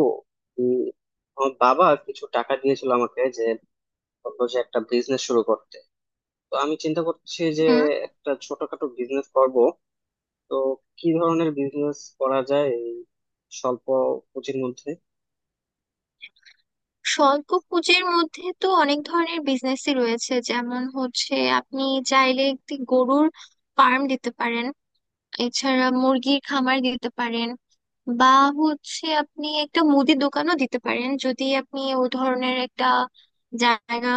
ও উম, আমার বাবা কিছু টাকা দিয়েছিল আমাকে, যে বললো যে একটা বিজনেস শুরু করতে। তো আমি চিন্তা করছি যে হুম। একটা ছোটখাটো বিজনেস করব। তো কি ধরনের বিজনেস করা যায় এই স্বল্প পুঁজির মধ্যে? স্বল্প পুঁজির মধ্যে তো অনেক ধরনের বিজনেসই রয়েছে, যেমন হচ্ছে আপনি চাইলে একটি গরুর ফার্ম দিতে পারেন। এছাড়া মুরগির খামার দিতে পারেন। বা হচ্ছে আপনি একটা মুদি দোকানও দিতে পারেন যদি আপনি ও ধরনের একটা জায়গা,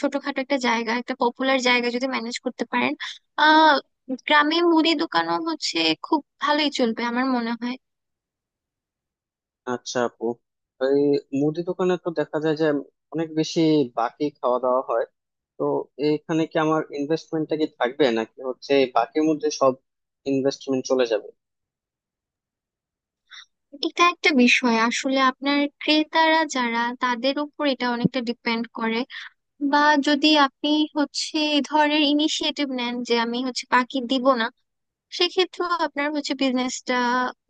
ছোটখাটো একটা জায়গা, একটা পপুলার জায়গা যদি ম্যানেজ করতে পারেন। আহ গ্রামে মুদি দোকানও হচ্ছে খুব ভালোই চলবে আমার মনে হয়। আচ্ছা আপু, এই মুদি দোকানে তো দেখা যায় যে অনেক বেশি বাকি খাওয়া দাওয়া হয়। তো এইখানে কি আমার ইনভেস্টমেন্টটা কি থাকবে নাকি হচ্ছে এই বাকির মধ্যে সব ইনভেস্টমেন্ট চলে যাবে? এটা একটা বিষয়, আসলে আপনার ক্রেতারা যারা তাদের উপর এটা অনেকটা ডিপেন্ড করে। বা যদি আপনি হচ্ছে এ ধরনের ইনিশিয়েটিভ নেন যে আমি হচ্ছে বাকি দিব না, সেক্ষেত্রেও আপনার হচ্ছে বিজনেসটা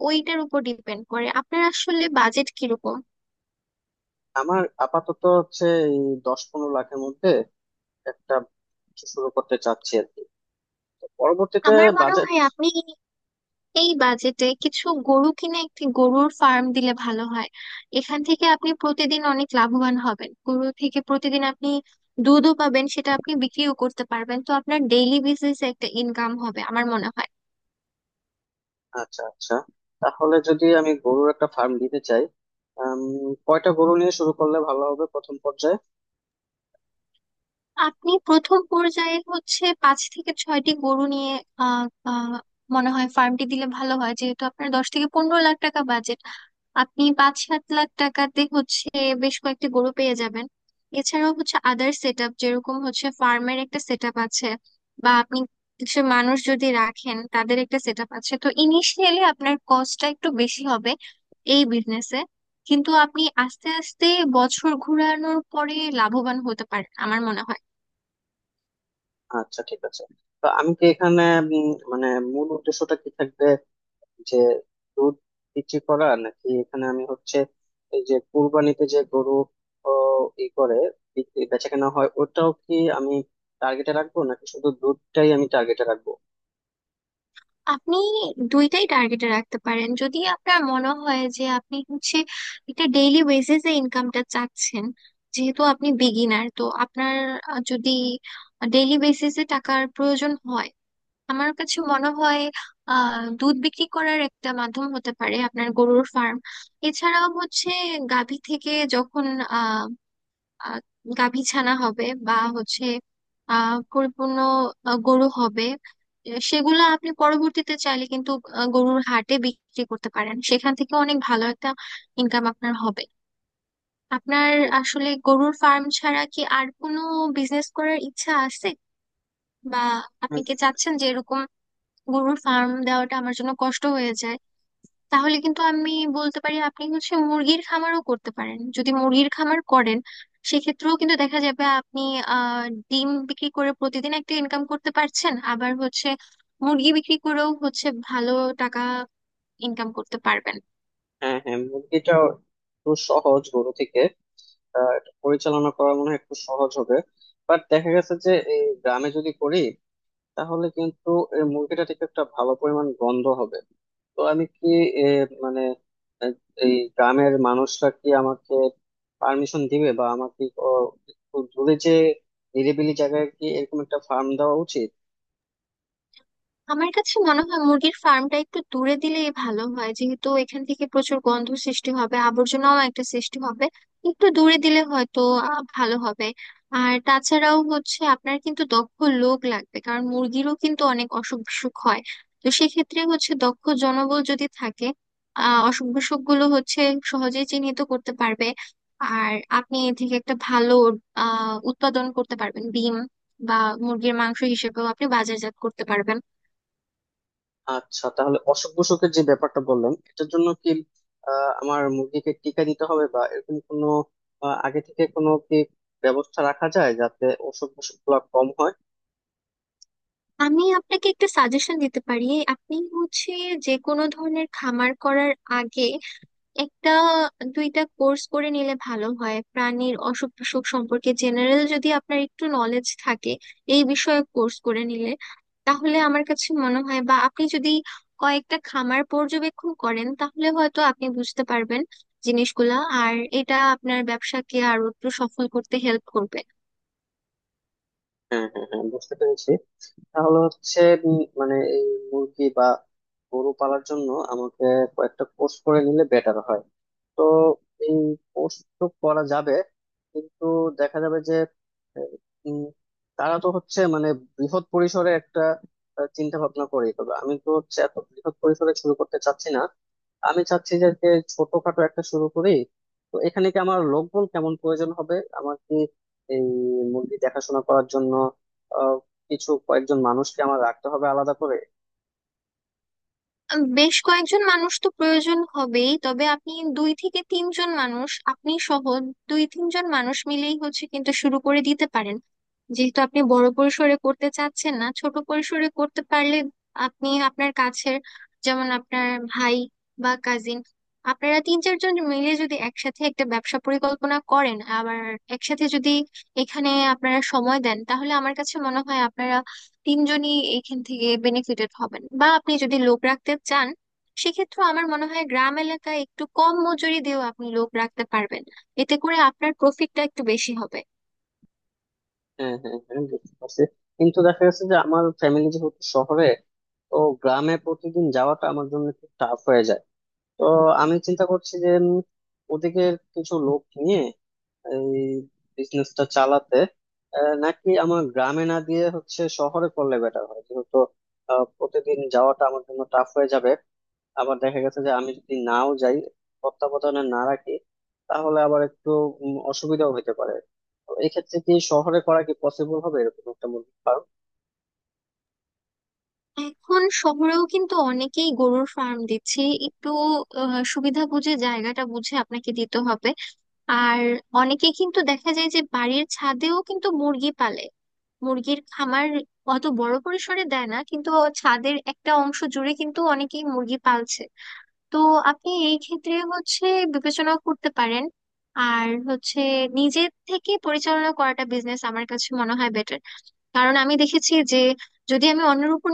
ওইটার উপর ডিপেন্ড করে আপনার আসলে বাজেট কিরকম। আমার আপাতত হচ্ছে এই 10-15 লাখের মধ্যে একটা কিছু শুরু করতে চাচ্ছি আর কি। তো পরবর্তীতে আমার মনে বাজেট। হয় আপনি এই বাজেটে কিছু গরু কিনে একটি গরুর ফার্ম দিলে ভালো হয়। এখান থেকে আপনি প্রতিদিন অনেক লাভবান হবেন, গরু থেকে প্রতিদিন আপনি দুধও পাবেন, সেটা আপনি বিক্রিও করতে পারবেন, তো আপনার ডেইলি বেসিসে একটা ইনকাম হবে আমার মনে হয়। আচ্ছা আচ্ছা, তাহলে যদি আমি গরুর একটা ফার্ম দিতে চাই, আম, কয়টা গরু নিয়ে শুরু করলে ভালো হবে প্রথম পর্যায়ে? আপনি প্রথম পর্যায়ে হচ্ছে 5 থেকে 6টি গরু নিয়ে আহ আহ, মনে হয় ফার্মটি দিলে ভালো হয়, যেহেতু আপনার 10 থেকে 15 লাখ টাকা বাজেট। আপনি 5-7 লাখ টাকাতে হচ্ছে বেশ কয়েকটি গরু পেয়ে যাবেন। এছাড়াও হচ্ছে আদার সেট আপ, যেরকম হচ্ছে ফার্মের একটা সেট আপ আছে, বা আপনি কিছু মানুষ যদি রাখেন তাদের একটা সেট আপ আছে, তো ইনিশিয়ালি আপনার কস্টটা একটু বেশি হবে এই বিজনেসে। কিন্তু আপনি আস্তে আস্তে বছর ঘোরানোর পরে লাভবান হতে পারেন আমার মনে হয়। আচ্ছা ঠিক আছে। তো আমি কি এখানে মানে মূল উদ্দেশ্যটা কি থাকবে, যে দুধ বিক্রি করা নাকি এখানে আমি হচ্ছে এই যে কুরবানিতে যে গরু ও, ই করে বিক্রি বেচা কেনা হয় ওটাও কি আমি টার্গেটে রাখবো, নাকি শুধু দুধটাই আমি টার্গেটে রাখবো? আপনি দুইটাই টার্গেটে রাখতে পারেন যদি আপনার মনে হয় যে আপনি হচ্ছে একটা ডেইলি বেসিসে ইনকামটা চাচ্ছেন। যেহেতু আপনি বিগিনার, তো আপনার যদি ডেইলি বেসিসে টাকার প্রয়োজন হয়, আমার কাছে মনে হয় দুধ বিক্রি করার একটা মাধ্যম হতে পারে আপনার গরুর ফার্ম। এছাড়াও হচ্ছে গাভী থেকে যখন আহ, গাভী ছানা হবে বা হচ্ছে পরিপূর্ণ গরু হবে, সেগুলো আপনি পরবর্তীতে চাইলে কিন্তু গরুর হাটে বিক্রি করতে পারেন, সেখান থেকে অনেক ভালো একটা ইনকাম আপনার হবে। আপনার আসলে গরুর ফার্ম ছাড়া কি আর কোনো বিজনেস করার ইচ্ছা আছে, বা আপনি কি চাচ্ছেন যে এরকম গরুর ফার্ম দেওয়াটা আমার জন্য কষ্ট হয়ে যায়? তাহলে কিন্তু আমি বলতে পারি আপনি হচ্ছে মুরগির খামারও করতে পারেন। যদি মুরগির খামার করেন, সেক্ষেত্রেও কিন্তু দেখা যাবে আপনি আহ ডিম বিক্রি করে প্রতিদিন একটা ইনকাম করতে পারছেন, আবার হচ্ছে মুরগি বিক্রি করেও হচ্ছে ভালো টাকা ইনকাম করতে পারবেন। হ্যাঁ হ্যাঁ, মুরগিটা একটু সহজ গরু থেকে। এটা পরিচালনা করা মনে হয় একটু সহজ হবে। বাট দেখা গেছে যে এই গ্রামে যদি করি তাহলে কিন্তু এই মুরগিটা থেকে একটা ভালো পরিমাণ গন্ধ হবে। তো আমি কি এ, মানে আহ, এই গ্রামের মানুষরা কি আমাকে পারমিশন দিবে, বা আমাকে একটু দূরে যে নিরিবিলি জায়গায় কি এরকম একটা ফার্ম দেওয়া উচিত? আমার কাছে মনে হয় মুরগির ফার্মটা একটু দূরে দিলেই ভালো হয়, যেহেতু এখান থেকে প্রচুর গন্ধ সৃষ্টি হবে, আবর্জনাও একটা সৃষ্টি হবে। একটু দূরে দিলে হয়তো ভালো হবে। আর তাছাড়াও হচ্ছে আপনার কিন্তু দক্ষ লোক লাগবে, কারণ মুরগিরও কিন্তু অনেক অসুখ বিসুখ হয়। তো সেক্ষেত্রে হচ্ছে দক্ষ জনবল যদি থাকে, অসুখ বিসুখ গুলো হচ্ছে সহজেই চিহ্নিত করতে পারবে। আর আপনি এ থেকে একটা ভালো উৎপাদন করতে পারবেন, ডিম বা মুরগির মাংস হিসেবেও আপনি বাজারজাত করতে পারবেন। আচ্ছা, তাহলে অসুখ বিসুখের যে ব্যাপারটা বললেন, এটার জন্য কি আমার মুরগিকে টিকা দিতে হবে, বা এরকম কোনো আগে থেকে কোনো কি ব্যবস্থা রাখা যায় যাতে অসুখ বিসুখ গুলা কম হয়? আমি আপনাকে একটা সাজেশন দিতে পারি। আপনি হচ্ছে যে কোনো ধরনের খামার করার আগে একটা দুইটা কোর্স করে নিলে ভালো হয়। প্রাণীর অসুখ বিসুখ সম্পর্কে জেনারেল যদি আপনার একটু নলেজ থাকে, এই বিষয়ে কোর্স করে নিলে তাহলে আমার কাছে মনে হয়, বা আপনি যদি কয়েকটা খামার পর্যবেক্ষণ করেন, তাহলে হয়তো আপনি বুঝতে পারবেন জিনিসগুলা। আর এটা আপনার ব্যবসাকে আরো একটু সফল করতে হেল্প করবে। হ্যাঁ হ্যাঁ হ্যাঁ, বুঝতে পেরেছি। তাহলে হচ্ছে মানে এই মুরগি বা গরু পালার জন্য আমাকে কয়েকটা কোর্স করে নিলে বেটার হয়। তো এই কোর্স তো করা যাবে, কিন্তু দেখা যাবে যে আহ, উম, তারা তো হচ্ছে মানে বৃহৎ পরিসরে একটা চিন্তা ভাবনা করে, তবে আমি তো হচ্ছে এত বৃহৎ পরিসরে শুরু করতে চাচ্ছি না। আমি চাচ্ছি যে যে ছোটখাটো একটা শুরু করি। তো এখানে কি আমার লোকবল কেমন প্রয়োজন হবে? আমার কি এই মুরগি দেখাশোনা করার জন্য কিছু কয়েকজন মানুষকে আমার রাখতে হবে আলাদা করে? বেশ কয়েকজন মানুষ তো প্রয়োজন হবেই, তবে আপনি 2 থেকে 3 জন মানুষ, আপনি সহ 2-3 জন মানুষ মিলেই হচ্ছে কিন্তু শুরু করে দিতে পারেন। যেহেতু আপনি বড় পরিসরে করতে চাচ্ছেন না, ছোট পরিসরে করতে পারলে আপনি আপনার কাছের, যেমন আপনার ভাই বা কাজিন, আপনারা 3-4 জন মিলে যদি একসাথে একটা ব্যবসা পরিকল্পনা করেন, আবার একসাথে যদি এখানে আপনারা সময় দেন, তাহলে আমার কাছে মনে হয় আপনারা 3 জনই এইখান থেকে বেনিফিটেড হবেন। বা আপনি যদি লোক রাখতে চান, সেক্ষেত্রে আমার মনে হয় গ্রাম এলাকায় একটু কম মজুরি দিয়েও আপনি লোক রাখতে পারবেন, এতে করে আপনার প্রফিটটা একটু বেশি হবে। হ্যাঁ হ্যাঁ হ্যাঁ, বুঝতে পারছি। কিন্তু দেখা গেছে যে আমার ফ্যামিলি যেহেতু শহরে, তো গ্রামে প্রতিদিন যাওয়াটা আমার জন্য একটু টাফ হয়ে যায়। তো আমি চিন্তা করছি যে ওদিকে কিছু লোক নিয়ে এই বিজনেসটা চালাতে, নাকি আমার গ্রামে না দিয়ে হচ্ছে শহরে করলে বেটার হয়, যেহেতু প্রতিদিন যাওয়াটা আমার জন্য টাফ হয়ে যাবে। আবার দেখা গেছে যে আমি যদি নাও যাই, তত্ত্বাবধানে না রাখি, তাহলে আবার একটু অসুবিধাও হতে পারে। তো এক্ষেত্রে কি শহরে করা কি পসিবল হবে এরকম একটা মুরগির ফার্ম? এখন শহরেও কিন্তু অনেকেই গরুর ফার্ম দিচ্ছে। একটু সুবিধা বুঝে, জায়গাটা বুঝে আপনাকে দিতে হবে। আর অনেকেই কিন্তু দেখা যায় যে বাড়ির ছাদেও কিন্তু মুরগি পালে। মুরগির খামার অত বড় পরিসরে দেয় না কিন্তু ছাদের একটা অংশ জুড়ে কিন্তু অনেকেই মুরগি পালছে। তো আপনি এই ক্ষেত্রে হচ্ছে বিবেচনা করতে পারেন। আর হচ্ছে নিজে থেকে পরিচালনা করাটা বিজনেস আমার কাছে মনে হয় বেটার, কারণ আমি দেখেছি যে যদি আমি অন্যের উপর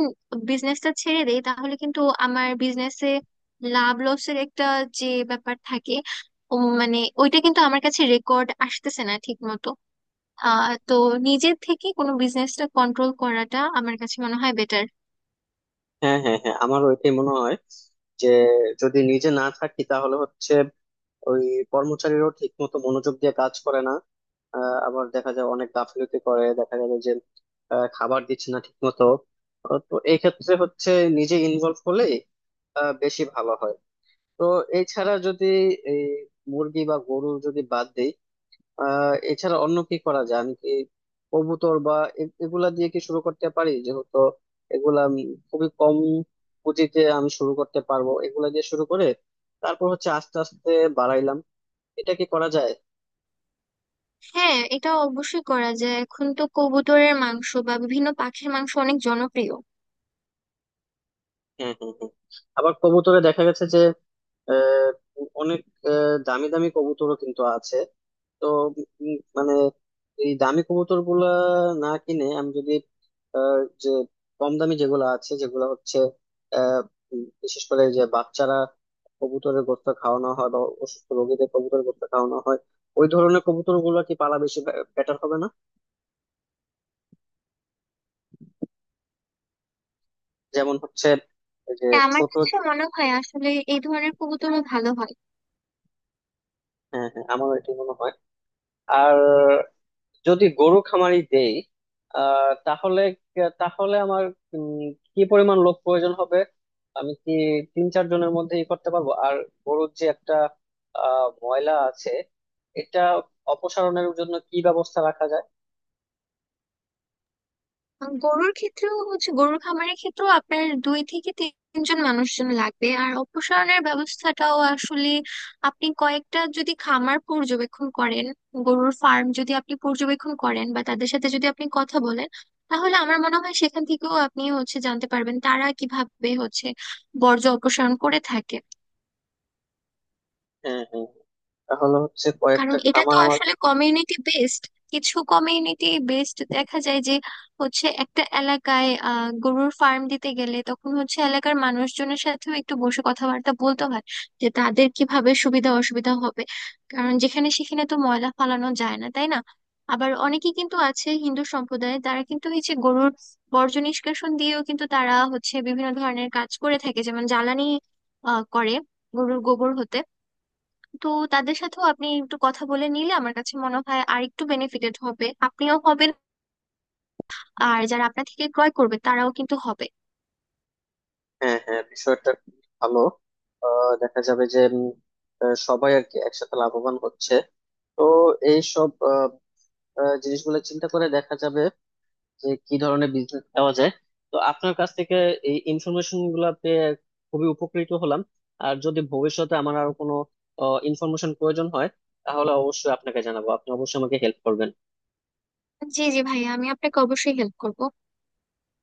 বিজনেসটা ছেড়ে দেই, তাহলে কিন্তু আমার বিজনেসে লাভ লসের একটা যে ব্যাপার থাকে, ও মানে ওইটা কিন্তু আমার কাছে রেকর্ড আসতেছে না ঠিক মতো। তো নিজের থেকে কোনো বিজনেসটা কন্ট্রোল করাটা আমার কাছে মনে হয় বেটার। হ্যাঁ হ্যাঁ হ্যাঁ, আমার ওইটাই মনে হয়, যে যদি নিজে না থাকি তাহলে হচ্ছে ওই কর্মচারীরাও ঠিক মতো মনোযোগ দিয়ে কাজ করে না। আবার দেখা যায় অনেক গাফিলতি করে, দেখা যাবে যে খাবার দিচ্ছে না ঠিক মতো। তো এই ক্ষেত্রে হচ্ছে নিজে ইনভলভ হলে বেশি ভালো হয়। তো এছাড়া যদি এই মুরগি বা গরু যদি বাদ দেই, এছাড়া অন্য কি করা যায়? আমি কি কবুতর বা এগুলা দিয়ে কি শুরু করতে পারি, যেহেতু এগুলা আমি খুবই কম পুঁজিতে আমি শুরু করতে পারবো? এগুলা দিয়ে শুরু করে তারপর হচ্ছে আস্তে আস্তে বাড়াইলাম, এটা কি করা যায়? হ্যাঁ, এটা অবশ্যই করা যায়। এখন তো কবুতরের মাংস বা বিভিন্ন পাখির মাংস অনেক জনপ্রিয়। হ্যাঁ হ্যাঁ হ্যাঁ। আবার কবুতরে দেখা গেছে যে আহ, অনেক দামি দামি কবুতরও কিন্তু আছে। তো মানে এই দামি কবুতর গুলা না কিনে আমি যদি আহ, যে কম দামি যেগুলো আছে, যেগুলো হচ্ছে আহ, বিশেষ করে যে বাচ্চারা কবুতরের গোস্ত খাওয়ানো হয়, বা অসুস্থ রোগীদের কবুতরের গোস্ত খাওয়ানো হয়, ওই ধরনের কবুতর গুলো কি পালা বেশি বেটার হবে না? যেমন হচ্ছে এই যে হ্যাঁ, আমার ছোট। কাছে মনে হয় আসলে এই ধরনের কবুতরও ভালো হয়। হ্যাঁ হ্যাঁ, আমার এটি মনে হয়। আর যদি গরু খামারি দেই তাহলে তাহলে আমার উম, কি পরিমাণ লোক প্রয়োজন হবে? আমি কি তিন চার জনের মধ্যে ই করতে পারবো? আর গরুর যে একটা ময়লা আছে, এটা অপসারণের জন্য কি ব্যবস্থা রাখা যায়? আর গরুর ক্ষেত্রেও হচ্ছে, গরুর খামারের ক্ষেত্রেও আপনার 2 থেকে 3 জন মানুষজন লাগবে। আর অপসারণের ব্যবস্থাটাও আসলে আপনি কয়েকটা যদি খামার পর্যবেক্ষণ করেন, গরুর ফার্ম যদি আপনি পর্যবেক্ষণ করেন বা তাদের সাথে যদি আপনি কথা বলেন, তাহলে আমার মনে হয় সেখান থেকেও আপনি হচ্ছে জানতে পারবেন তারা কিভাবে হচ্ছে বর্জ্য অপসারণ করে থাকে। হ্যাঁ হ্যাঁ, তাহলে হচ্ছে কারণ কয়েকটা এটা তো খামার আমার। আসলে কমিউনিটি বেসড। কিছু কমিউনিটি বেসড দেখা যায় যে হচ্ছে একটা এলাকায় গরুর ফার্ম দিতে গেলে তখন হচ্ছে এলাকার মানুষজনের সাথেও একটু বসে কথাবার্তা বলতে হয় যে তাদের কিভাবে সুবিধা অসুবিধা হবে। কারণ যেখানে সেখানে তো ময়লা ফালানো যায় না, তাই না? আবার অনেকে কিন্তু আছে হিন্দু সম্প্রদায়ে, তারা কিন্তু হচ্ছে গরুর বর্জ্য নিষ্কাশন দিয়েও কিন্তু তারা হচ্ছে বিভিন্ন ধরনের কাজ করে থাকে, যেমন জ্বালানি করে গরুর গোবর হতে। তো তাদের সাথেও আপনি একটু কথা বলে নিলে আমার কাছে মনে হয় আর একটু বেনিফিটেড হবে, আপনিও হবেন আর যারা আপনার থেকে ক্রয় করবে তারাও কিন্তু হবে। হ্যাঁ হ্যাঁ, বিষয়টা খুব ভালো। দেখা যাবে যে সবাই আর কি একসাথে লাভবান হচ্ছে। তো এইসব জিনিসগুলো চিন্তা করে দেখা যাবে যে কি ধরনের বিজনেস পাওয়া যায়। তো আপনার কাছ থেকে এই ইনফরমেশন গুলা পেয়ে খুবই উপকৃত হলাম। আর যদি ভবিষ্যতে আমার আরো কোনো ইনফরমেশন প্রয়োজন হয়, তাহলে অবশ্যই আপনাকে জানাবো, আপনি অবশ্যই আমাকে হেল্প করবেন। জি জি ভাইয়া, আমি আপনাকে অবশ্যই হেল্প করব।